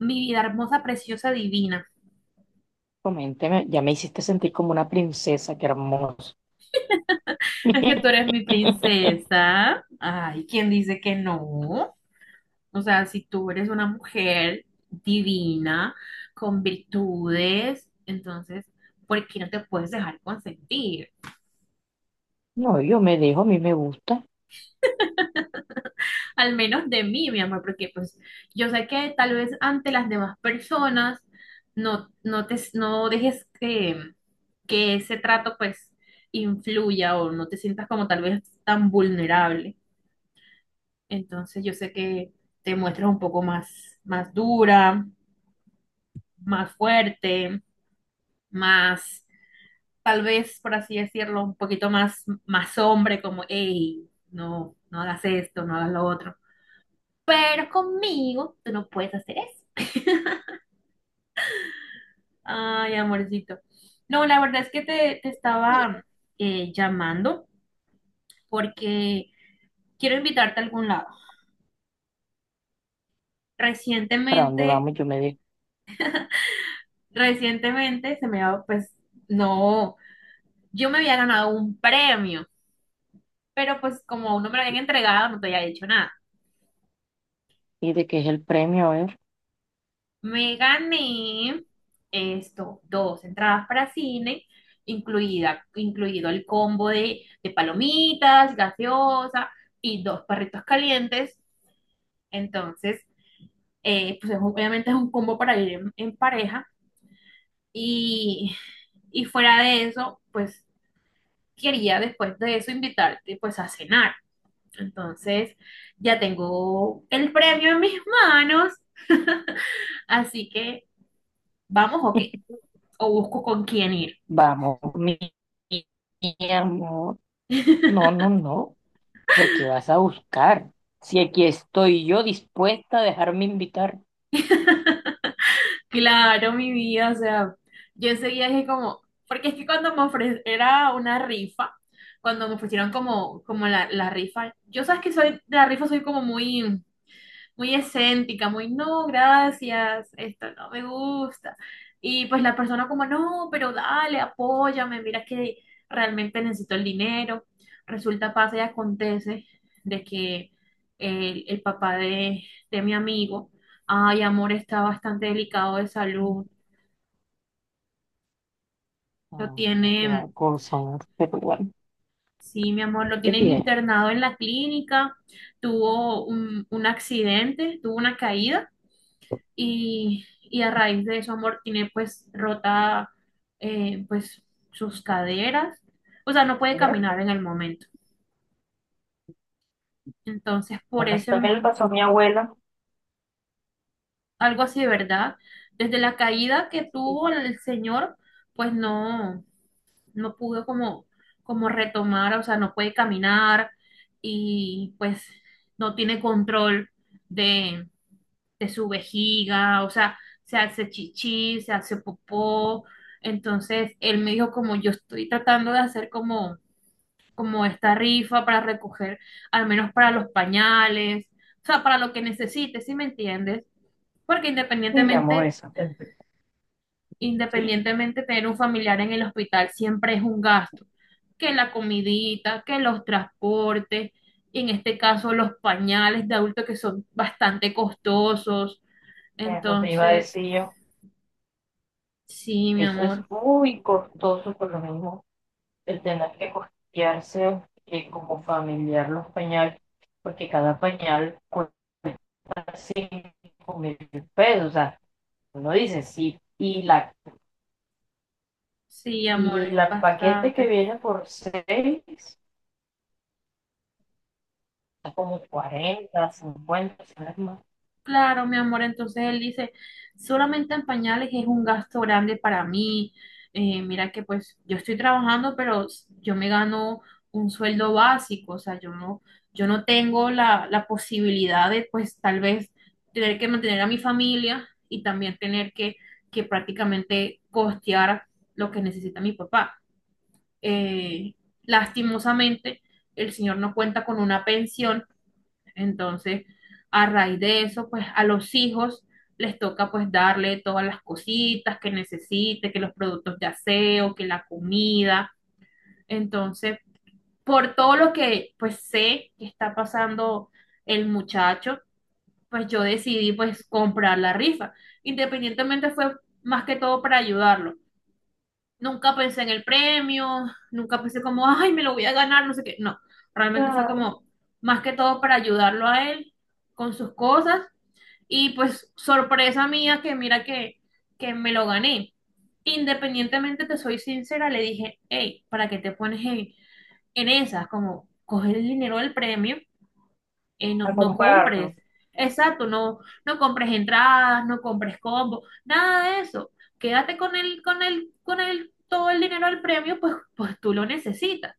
Mi vida hermosa, preciosa, divina. Coménteme, ya me hiciste sentir como una princesa, qué hermoso. Es que tú eres mi princesa. Ay, ¿quién dice que no? O sea, si tú eres una mujer divina, con virtudes, entonces, ¿por qué no te puedes dejar consentir? No, yo me dejo, a mí me gusta. Al menos de mí, mi amor, porque pues yo sé que tal vez ante las demás personas no, no dejes que ese trato pues influya o no te sientas como tal vez tan vulnerable. Entonces yo sé que te muestras un poco más, más dura, más fuerte, más, tal vez, por así decirlo, un poquito más, más hombre, como, hey, no, no hagas esto, no hagas lo otro. Pero conmigo tú no puedes hacer eso. Ay, amorcito. No, la verdad es que te Bien. estaba llamando porque quiero invitarte a algún lado. ¿Para dónde Recientemente, vamos? Yo me dejo. recientemente se me ha, pues, no. Yo me había ganado un premio, pero pues como aún no me lo habían entregado, no te había dicho nada. ¿Y de qué es el premio? A ver, Me gané esto, dos entradas para cine, incluida, incluido el combo de palomitas, gaseosa y dos perritos calientes. Entonces, pues obviamente es un combo para ir en pareja. Y, y fuera de eso, pues quería después de eso invitarte pues a cenar. Entonces, ya tengo el premio en mis manos, así que vamos o qué, o busco con quién ir. vamos, mi amor. No, no, no, porque vas a buscar. Si aquí estoy yo dispuesta a dejarme invitar. Claro, mi vida, o sea, yo enseguida dije como, porque es que cuando me ofrecieron, era una rifa, cuando me ofrecieron como, como la rifa, yo sabes que soy, de la rifa soy como muy, muy escéntica, muy no, gracias, esto no me gusta. Y pues la persona como, no, pero dale, apóyame, mira que realmente necesito el dinero. Resulta, pasa y acontece de que el papá de mi amigo, ay, amor, está bastante delicado de salud, lo Ahora, qué tiene... va son, pero bueno, Sí, mi amor, lo ¿qué tienen tiene? internado en la clínica, tuvo un accidente, tuvo una caída y a raíz de eso amor tiene pues rota pues sus caderas, o sea, no puede Mira, caminar en el momento. Entonces, ahora está el vaso mi abuela. algo así de verdad, desde la caída que Sí, tuvo el señor, pues no, no pudo como, como retomar, o sea, no puede caminar y pues no tiene control de su vejiga, o sea, se hace chichi, se hace popó. Entonces, él me dijo como yo estoy tratando de hacer como, como esta rifa para recoger, al menos para los pañales, o sea, para lo que necesites, ¿si me entiendes? Porque mi amor, independientemente, eso. Sí. independientemente tener un familiar en el hospital siempre es un gasto, que la comidita, que los transportes, y en este caso los pañales de adulto que son bastante costosos. Eso me iba a Entonces, decir yo. sí, mi Eso es amor. muy costoso, por lo mismo, el tener que costearse como familiar los pañales, porque cada pañal cuesta 5.000 pesos. O sea, uno dice sí. Y la, Sí, amor, y es la paquete que bastante. viene por 6, está como 40, 50, ¿sabes más? Claro, mi amor. Entonces él dice, solamente en pañales es un gasto grande para mí. Mira que pues yo estoy trabajando, pero yo me gano un sueldo básico. O sea, yo no, yo no tengo la, la posibilidad de pues tal vez tener que mantener a mi familia y también tener que prácticamente costear lo que necesita mi papá. Eh, lastimosamente, el señor no cuenta con una pensión. Entonces, a raíz de eso, pues a los hijos les toca pues darle todas las cositas que necesite, que los productos de aseo, que la comida. Entonces, por todo lo que pues sé que está pasando el muchacho, pues yo decidí pues comprar la rifa. Independientemente fue más que todo para ayudarlo. Nunca pensé en el premio, nunca pensé como, ay, me lo voy a ganar, no sé qué. No, realmente fue Claro. como más que todo para ayudarlo a él con sus cosas y pues sorpresa mía que mira que me lo gané. Independientemente, te soy sincera, le dije, hey, ¿para qué te pones en esas? Como, coge el dinero del premio, no, A no compres. comprarlo. Exacto, no, no compres entradas, no compres combo, nada de eso. Quédate con el, con el, con el, todo el dinero del premio, pues, pues tú lo necesitas.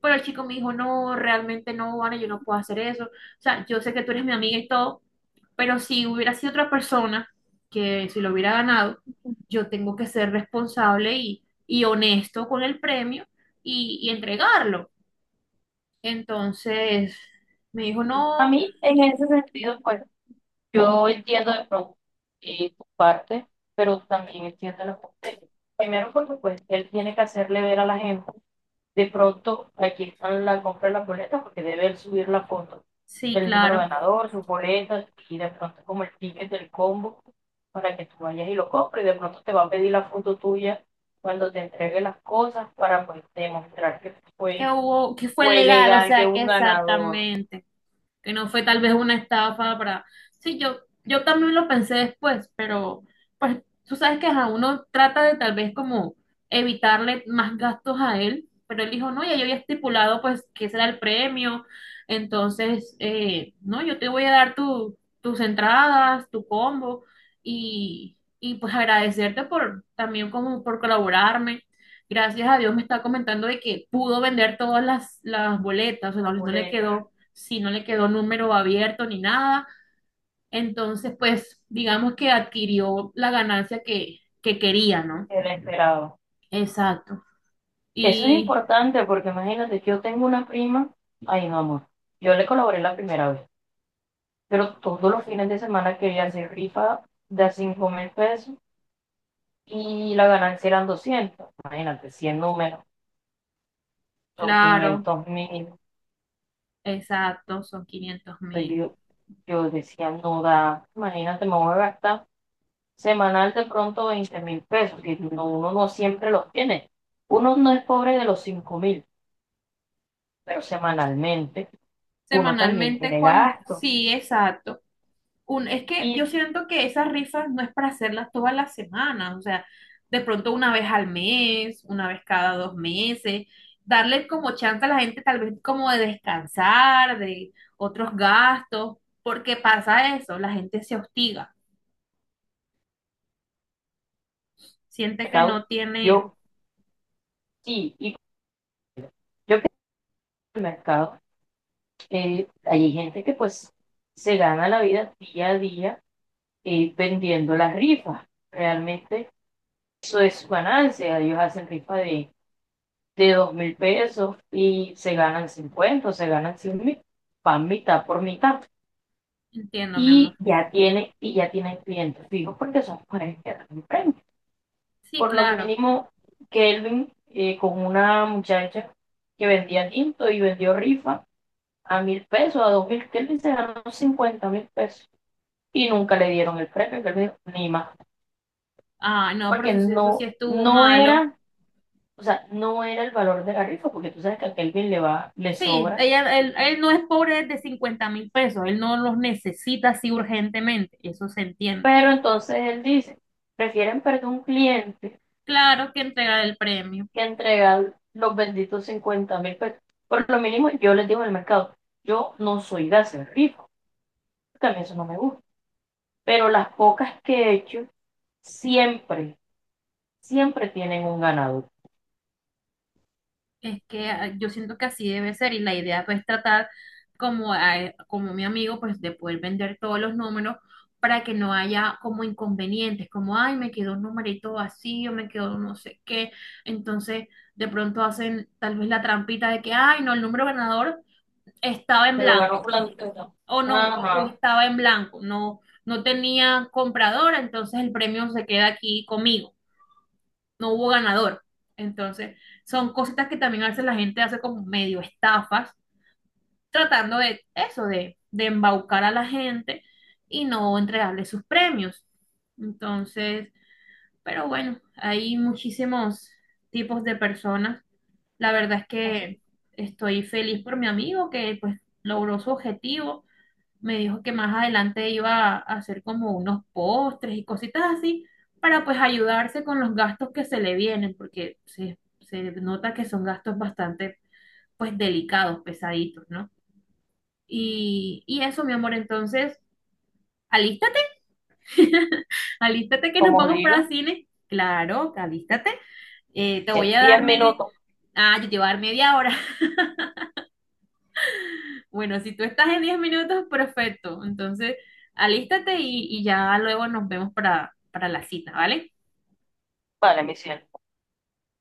Pero el chico me dijo, no, realmente no, Vane, yo no puedo hacer eso. O sea, yo sé que tú eres mi amiga y todo, pero si hubiera sido otra persona que si lo hubiera ganado, yo tengo que ser responsable y honesto con el premio y entregarlo. Entonces me dijo, A no, mí, en ese sentido, pues. Yo entiendo de pronto tu parte, pero también entiendo la parte de él. Primero porque pues él tiene que hacerle ver a la gente, de pronto aquí están la compra de las boletas porque debe él subir la foto sí, del número claro, ganador, sus boletas y de pronto como el ticket del combo para que tú vayas y lo compres. De pronto te va a pedir la foto tuya cuando te entregue las cosas para pues demostrar que que fue, hubo, que fue fue legal, o legal, que sea, hubo que un ganador, exactamente. Que no fue tal vez una estafa para... Sí, yo también lo pensé después, pero pues tú sabes que a uno trata de tal vez como evitarle más gastos a él, pero él dijo, no, ya yo había estipulado pues que será el premio, entonces, no, yo te voy a dar tu, tus entradas, tu combo y pues agradecerte por también como por colaborarme. Gracias a Dios me está comentando de que pudo vender todas las boletas, o sea, la no le boleta, quedó, si no le quedó número abierto ni nada. Entonces, pues, digamos que adquirió la ganancia que quería, ¿no? el esperado. Exacto. Eso es Y importante porque imagínate, yo tengo una prima, ay no amor, yo le colaboré la primera vez, pero todos los fines de semana quería hacer rifa de 5.000 pesos y la ganancia eran 200, imagínate, 100 números, son claro, 500.000. exacto, son 500.000. yo, yo decía, no da, imagínate, me voy a gastar semanal de pronto 20.000 pesos, que no- uno no siempre los tiene, uno no es pobre de los 5.000, pero semanalmente uno también Semanalmente, tiene cuando, gastos. sí, exacto. Es que yo Y siento que esas rifas no es para hacerlas todas las semanas, o sea, de pronto una vez al mes, una vez cada dos meses, darle como chance a la gente tal vez como de descansar, de otros gastos, porque pasa eso, la gente se hostiga, siente que mercado, no tiene, yo sí, y yo que en el mercado, hay gente que pues se gana la vida día a día vendiendo las rifas. Realmente eso es su ganancia. Ellos hacen rifa de 2.000 pesos y se ganan 50, se ganan 100.000, van mitad por mitad. entiendo, mi amor. Y ya tienen clientes fijos porque son mujeres que dan un premio. Sí, Por lo claro. mínimo, Kelvin con una muchacha que vendía tinto y vendió rifa a 1.000 pesos, a 2.000, que él se ganó 50.000 pesos y nunca le dieron el premio, que él dijo, ni más, Ah, no, pero porque eso, eso sí no, estuvo no malo. era, o sea, no era el valor de la rifa, porque tú sabes que a Kelvin le va, le Sí, sobra, ella, él no es pobre de 50.000 pesos, él no los necesita así urgentemente, eso se entiende. pero entonces él dice, prefieren perder un cliente Claro que entregar el premio. que entregar los benditos 50.000 pesos. Por lo mínimo, yo les digo en el mercado, yo no soy de hacer rifa, porque a mí eso no me gusta, pero las pocas que he hecho, siempre, siempre tienen un ganador. Es que ah, yo siento que así debe ser y la idea pues es tratar como, como mi amigo pues de poder vender todos los números para que no haya como inconvenientes, como ay, me quedó un numerito vacío, me quedó no sé qué. Entonces de pronto hacen tal vez la trampita de que ay, no, el número ganador estaba en Se lo ganó blanco fulanito. Y no. o no, o Ajá. estaba en blanco, no, no tenía comprador, entonces el premio se queda aquí conmigo. No hubo ganador. Entonces, son cositas que también a veces la gente hace como medio estafas, tratando de eso, de embaucar a la gente y no entregarle sus premios. Entonces, pero bueno, hay muchísimos tipos de personas. La verdad es Eso. que estoy feliz por mi amigo que pues logró su objetivo. Me dijo que más adelante iba a hacer como unos postres y cositas así para pues ayudarse con los gastos que se le vienen, porque se nota que son gastos bastante pues delicados, pesaditos, ¿no? Y eso, mi amor, entonces, alístate, alístate que nos Como vamos para diga, cine. Claro, alístate. Te voy en a dar 10 media, minutos. ah, yo te voy a dar media hora. Bueno, si tú estás en 10 minutos, perfecto. Entonces, alístate y ya luego nos vemos para la cita, ¿vale? Vale, mi cielo.